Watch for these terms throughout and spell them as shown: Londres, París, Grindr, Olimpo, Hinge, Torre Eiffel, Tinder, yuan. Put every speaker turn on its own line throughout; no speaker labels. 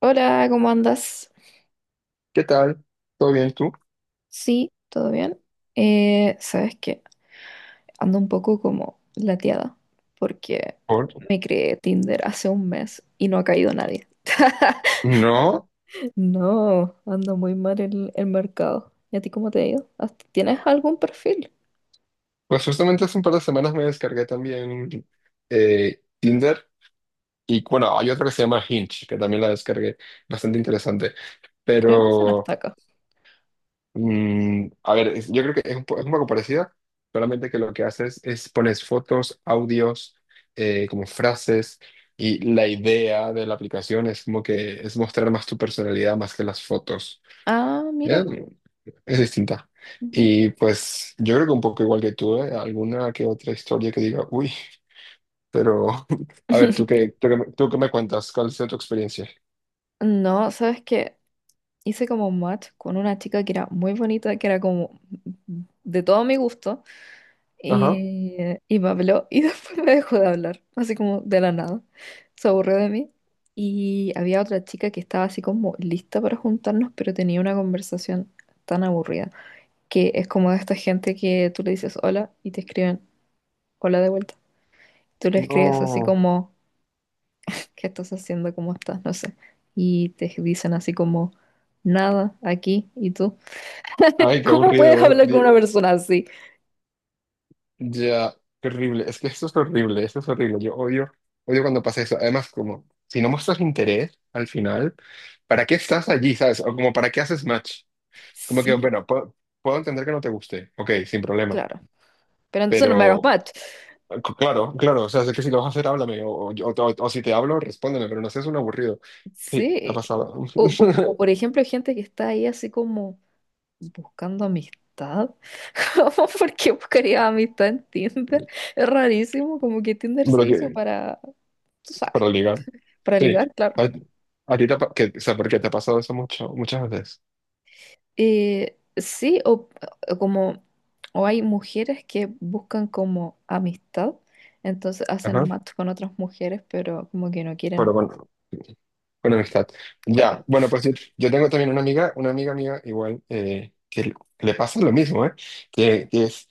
Hola, ¿cómo andas?
¿Qué tal? ¿Todo bien tú?
Sí, ¿todo bien? Sabes que ando un poco como lateada porque
¿Por?
me creé Tinder hace un mes y no ha caído nadie.
No,
No, anda muy mal el mercado. ¿Y a ti cómo te ha ido? ¿Tienes algún perfil?
pues justamente hace un par de semanas me descargué también Tinder. Y bueno, hay otra que se llama Hinge, que también la descargué, bastante interesante,
Creo que se nos
pero
está acá.
a ver, yo creo que es un poco parecida, solamente que lo que haces es pones fotos, audios, como frases, y la idea de la aplicación es como que es mostrar más tu personalidad más que las fotos.
Ah, mira.
Es distinta.
Ujú.
Y pues yo creo que un poco igual que tú, ¿eh? Alguna que otra historia que diga, uy, pero a ver, ¿tú qué, tú qué, me tú qué me cuentas? ¿Cuál ha sido tu experiencia?
No, sabes que hice como match con una chica que era muy bonita, que era como de todo mi gusto.
Ajá.
Y, y me habló y después me dejó de hablar, así como de la nada. Se aburrió de mí. Y había otra chica que estaba así como lista para juntarnos, pero tenía una conversación tan aburrida, que es como de esta gente que tú le dices hola y te escriben hola de vuelta. Tú le escribes así
No.
como, ¿qué estás haciendo? ¿Cómo estás? No sé. Y te dicen así como, nada, aquí, ¿y tú?
Ay, qué
¿Cómo puedes
aburrido.
hablar con una persona así?
Ya, qué horrible. Es que esto es horrible, esto es horrible. Yo odio, odio cuando pasa eso. Además, como, si no muestras interés al final, ¿para qué estás allí, sabes? O como, ¿para qué haces match? Como que,
Sí,
bueno, puedo, entender que no te guste. Ok, sin problema.
claro. Pero entonces no me hagas
Pero
match.
Claro, claro, o sea, sé que si lo vas a hacer, háblame, o si te hablo, respóndeme, pero no seas un aburrido. Sí, ha
Sí,
pasado.
o como por ejemplo gente que está ahí así como buscando amistad. ¿Cómo? ¿Por qué buscaría amistad en Tinder? Es rarísimo, como que Tinder
Pero
se hizo
que,
para, tú sabes,
para ligar.
para
Sí,
ligar, claro.
a, a ti te, que, o sea, porque te ha pasado eso mucho, muchas veces.
Sí, o como, o hay mujeres que buscan como amistad, entonces
Ajá.
hacen match con otras mujeres, pero como que no
Pero
quieren,
bueno, con amistad.
claro,
Ya, bueno, pues yo tengo también una amiga, mía igual, que le pasa lo mismo, ¿eh? Que es,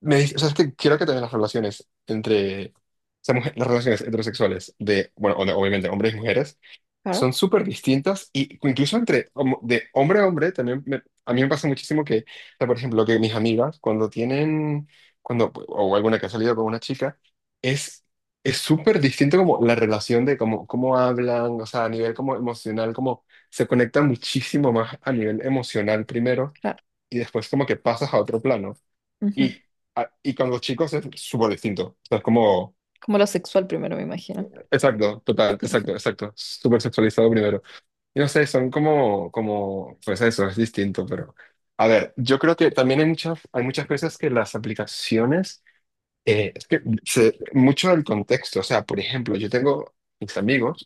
me dice, o sea, es que quiero que también las relaciones entre, o sea, las relaciones heterosexuales de, bueno, obviamente hombres y mujeres,
claro,
son súper distintas. Y incluso entre de hombre a hombre también a mí me pasa muchísimo que, o sea, por ejemplo, que mis amigas o alguna que ha salido con una chica, es es súper distinto como la relación de cómo hablan, o sea, a nivel como emocional, como se conecta muchísimo más a nivel emocional primero
claro.
y después como que pasas a otro plano.
Ujú.
Y, y con los chicos es súper distinto. O sea, es como,
Como lo sexual primero, me imagino.
exacto, total, exacto, exacto, súper sexualizado primero. Y no sé, son como, pues eso, es distinto, pero... A ver, yo creo que también hay muchas veces que las aplicaciones, es que mucho del contexto, o sea, por ejemplo, yo tengo mis amigos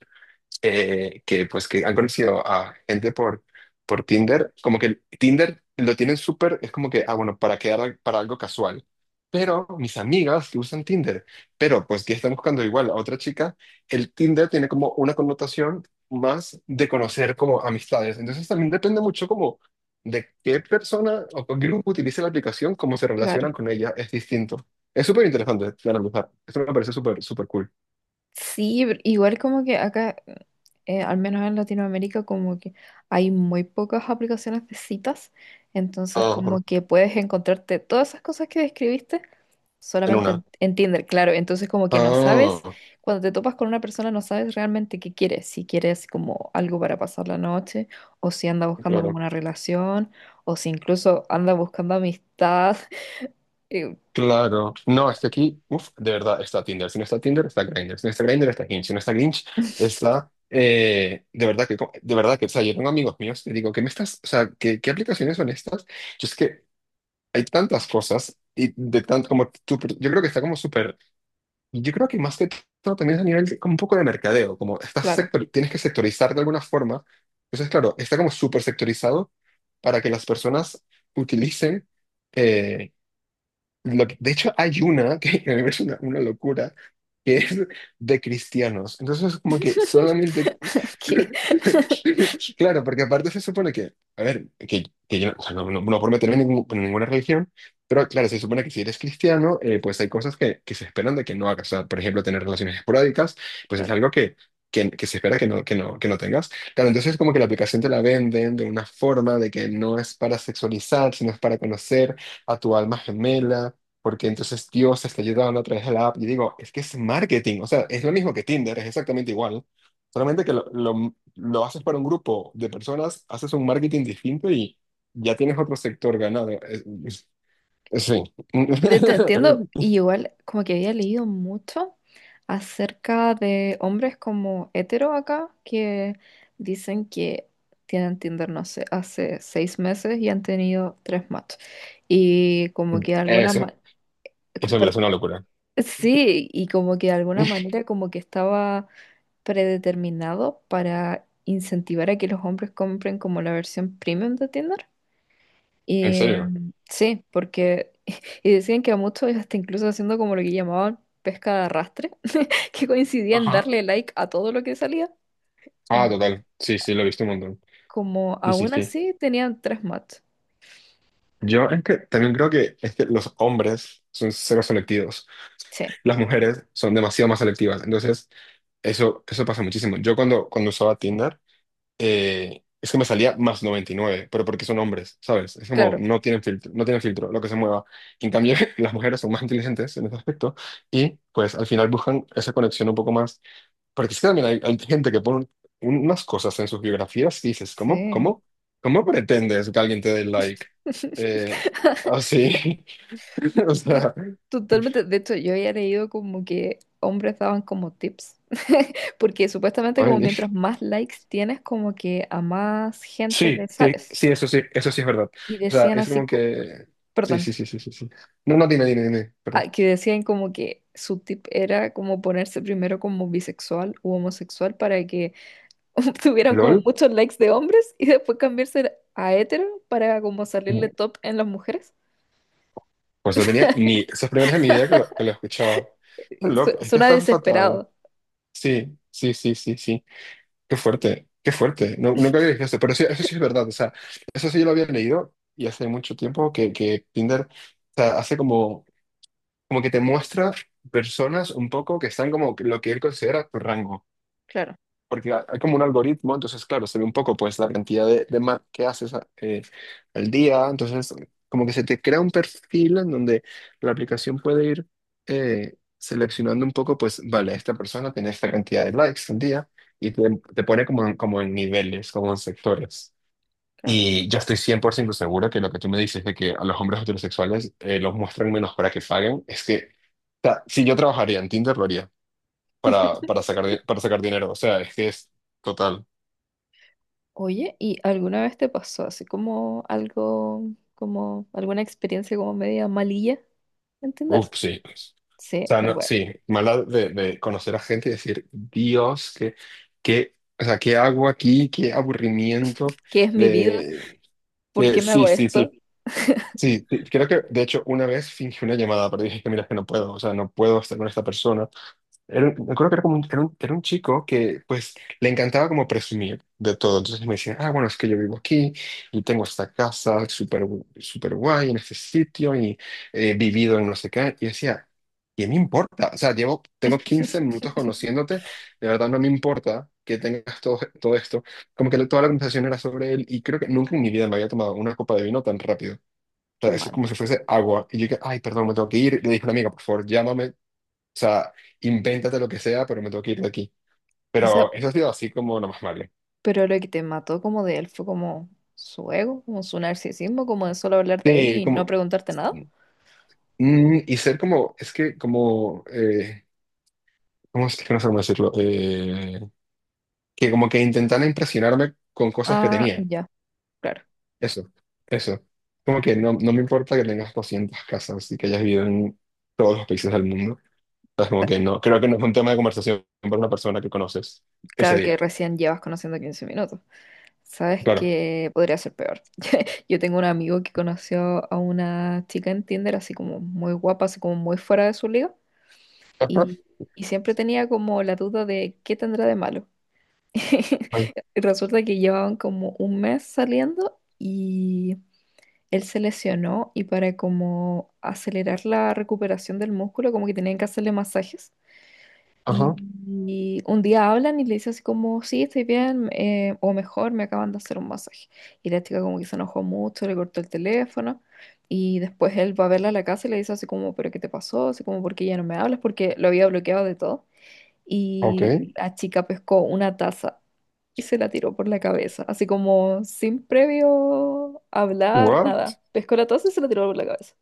que pues que han conocido a gente por Tinder, como que Tinder lo tienen súper, es como que, ah, bueno, para quedar para algo casual. Pero mis amigas que usan Tinder, pero pues que están buscando igual a otra chica, el Tinder tiene como una connotación más de conocer como amistades. Entonces también depende mucho como de qué persona o qué grupo utilice la aplicación, cómo se
Claro.
relacionan con ella, es distinto. Es súper interesante de analizar. Esto me parece súper, súper cool.
Sí, pero igual como que acá, al menos en Latinoamérica, como que hay muy pocas aplicaciones de citas, entonces como
Ajá,
que puedes encontrarte todas esas cosas que describiste
en
solamente
una.
en Tinder, claro, entonces como que no sabes,
Ah.
cuando te topas con una persona no sabes realmente qué quieres, si quieres como algo para pasar la noche, o si anda buscando como
Claro,
una relación, o si incluso anda buscando amistad, eh,
claro. No, es que aquí, uff, de verdad, está Tinder. Si no está Tinder, está Grindr. Si no está Grindr, está Hinge. Si no está Hinge, está... de verdad que, de verdad que, o sea, yo tengo amigos míos que digo, ¿qué me estás, o sea, qué aplicaciones son estas? Yo es que hay tantas cosas y de tanto como tú, yo creo que está como súper, yo creo que más que todo también es a nivel como un poco de mercadeo, como estás
claro.
sector, tienes que sectorizar de alguna forma. Entonces, claro, está como súper sectorizado para que las personas utilicen. eh, de hecho, hay una que que es una locura, que es de cristianos. Entonces, como que solamente...
¿Qué?
Claro, porque aparte se supone que, a ver, que yo o sea, no, no, no por meterme en, en ninguna religión, pero claro, se supone que si eres cristiano, pues hay cosas que, se esperan de que no hagas. O sea, por ejemplo, tener relaciones esporádicas, pues es algo que se espera que que no tengas. Claro, entonces como que la aplicación te la venden de una forma de que no es para sexualizar, sino es para conocer a tu alma gemela porque entonces Dios está ayudando a través de la app. Y digo, es que es marketing, o sea, es lo mismo que Tinder, es exactamente igual, solamente que lo haces para un grupo de personas, haces un marketing distinto y ya tienes otro sector ganado. Sí.
Te entiendo, y igual como que había leído mucho acerca de hombres como hetero acá que dicen que tienen Tinder, no sé, hace 6 meses y han tenido 3 matches. Y como que de alguna ma-
Eso, eso me parece una locura.
sí, y como que de alguna manera como que estaba predeterminado para incentivar a que los hombres compren como la versión premium de Tinder.
¿En
Y
serio?
sí, porque y decían que a muchos hasta incluso haciendo como lo que llamaban pesca de arrastre, que coincidían
Ajá.
darle like a todo lo que salía,
Ah,
como,
total. Sí, sí, lo he visto un montón.
como
Sí, sí,
aún
sí.
así tenían 3 match.
Yo es que también creo que, es que los hombres son cero selectivos.
Sí,
Las mujeres son demasiado más selectivas. Entonces, eso pasa muchísimo. Yo cuando usaba Tinder, es que me salía más 99 pero porque son hombres, ¿sabes? Es como,
claro.
no tienen filtro, no tienen filtro, lo que se mueva. En cambio, las mujeres son más inteligentes en ese aspecto y pues al final buscan esa conexión un poco más. Porque es que también hay gente que pone unas cosas en sus biografías y dices, ¿cómo,
Sí.
cómo, cómo pretendes que alguien te dé like? Eh, Así, o
Sí,
sea,
totalmente. De hecho, yo había leído como que hombres daban como tips, porque supuestamente como
ay.
mientras más likes tienes, como que a más gente le
Sí, sí,
sales.
sí, eso sí, eso sí es verdad.
Y
O sea,
decían
es
así,
como que... Sí,
perdón.
sí, sí, sí, sí, sí. No, no, dime, dime, dime, perdón.
Ah, que decían como que su tip era como ponerse primero como bisexual u homosexual para que tuvieran como
¿LOL?
muchos likes de hombres y después cambiarse a hetero para como
Mm,
salirle top en las mujeres.
Pues no tenía ni... Esas primeras en mi vida que lo, escuchaba. Qué loco, es que
Suena
está fatal.
desesperado.
Sí, sí, sí, sí, sí. Qué fuerte, qué fuerte. No, nunca había visto eso, pero sí, eso sí es verdad. O sea, eso sí yo lo había leído y hace mucho tiempo que, Tinder, o sea, hace como que te muestra personas un poco que están como lo que él considera tu rango.
Claro,
Porque hay como un algoritmo, entonces, claro, se ve un poco pues la cantidad de que haces al día, entonces como que se te crea un perfil en donde la aplicación puede ir seleccionando un poco, pues, vale, esta persona tiene esta cantidad de likes al día y te pone como en niveles, como en sectores.
claro.
Y yo estoy 100% seguro que lo que tú me dices de que a los hombres heterosexuales los muestran menos para que paguen, es que, o sea, si yo trabajaría en Tinder, lo haría para, sacar, para sacar dinero. O sea, es que es total.
Oye, ¿y alguna vez te pasó así como algo, como alguna experiencia como media malilla? ¿Entender?
Uf, sí. O
Sí,
sea,
me
no,
voy.
sí, maldad de, conocer a gente y decir, Dios, qué, o sea, ¿qué hago aquí? Qué aburrimiento
¿Qué es mi vida?
de...
¿Por qué me
sí,
hago
sí,
esto?
sí. Sí, sí, creo que de hecho una vez fingí una llamada, pero dije que mira, es que no puedo, o sea, no puedo estar con esta persona. Me acuerdo que era como un chico que pues le encantaba como presumir de todo. Entonces me decía, ah, bueno, es que yo vivo aquí y tengo esta casa súper súper guay en este sitio y he vivido en no sé qué. Y decía, ¿qué me importa? O sea, tengo 15 minutos conociéndote, de verdad no me importa que tengas todo, todo esto. Como que toda la conversación era sobre él y creo que nunca en mi vida me había tomado una copa de vino tan rápido. O
Qué
sea, es
mal.
como si fuese agua. Y yo dije, ay, perdón, me tengo que ir. Le dije a una amiga, por favor, llámame, o sea, invéntate lo que sea, pero me tengo que ir de aquí.
O sea,
Pero eso ha sido así como lo más malo.
pero lo que te mató como de él fue como su ego, como su narcisismo, como de solo hablar de él
Sí,
y no
como...
preguntarte nada.
y ser como... Es que como... ¿Cómo es que no sé cómo decirlo? Que como que intentara impresionarme con cosas que
Ah,
tenía.
ya, claro.
Eso, eso. Como que no, no me importa que tengas 200 casas y que hayas vivido en todos los países del mundo. Es como
Sa-
que no. Creo que no es un tema de conversación para una persona que conoces ese
Claro que
día.
recién llevas conociendo 15 minutos. Sabes
Claro.
que podría ser peor. Yo tengo un amigo que conoció a una chica en Tinder así como muy guapa, así como muy fuera de su liga.
Ajá.
Y, y siempre tenía como la duda de qué tendrá de malo.
Ay,
Y resulta que llevaban como un mes saliendo y él se lesionó y para como acelerar la recuperación del músculo, como que tenían que hacerle masajes. Y,
ajá.
y un día hablan y le dice así como, sí, estoy bien, o mejor, me acaban de hacer un masaje. Y la chica como que se enojó mucho, le cortó el teléfono. Y después él va a verla a la casa y le dice así como, pero ¿qué te pasó? Así como, ¿por qué ya no me hablas? Porque lo había bloqueado de todo. Y
Ok.
la chica pescó una taza y se la tiró por la cabeza, así como sin previo hablar,
What?
nada. Pescó la taza y se la tiró por la cabeza.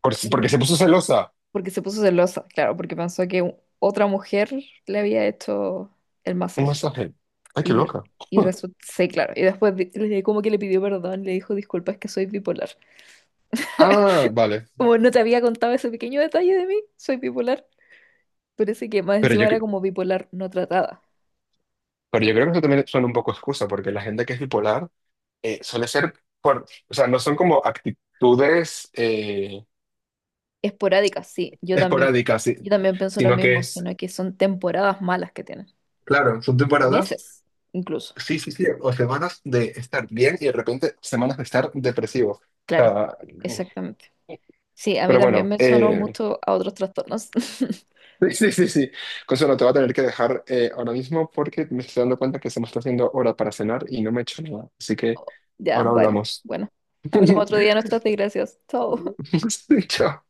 Si, porque
Sí.
se puso celosa.
Porque se puso celosa, claro, porque pensó que otra mujer le había hecho el
Un
masaje.
masaje. Ay, qué
Y,
loca.
y resulta, sí, claro. Y después como que le pidió perdón, le dijo, disculpa, es que soy bipolar.
Ah, vale.
Como no te había contado ese pequeño detalle de mí, soy bipolar. Parece que más
Pero
encima
yo,
era
cre-
como bipolar no tratada.
pero yo creo que eso también suena un poco excusa, porque la gente que es bipolar suele ser por, o sea, no son como actitudes
Esporádica, sí. Yo también,
esporádicas, sí,
yo también pienso lo
sino que
mismo,
es,
sino que son temporadas malas que tienen.
claro, son temporadas,
Meses incluso.
sí, sí, sí, o semanas de estar bien y de repente semanas de estar depresivo. O
Claro,
sea,
exactamente. Sí, a mí
pero
también
bueno,
me sonó mucho a otros trastornos.
sí, sí, sí, sí. Consuelo, te voy a tener que dejar ahora mismo porque me estoy dando cuenta que se me está haciendo hora para cenar y no me he hecho nada. Así que
Ya,
ahora
vale.
hablamos.
Bueno, hablamos otro día de nuestras desgracias. Chao.
Chao.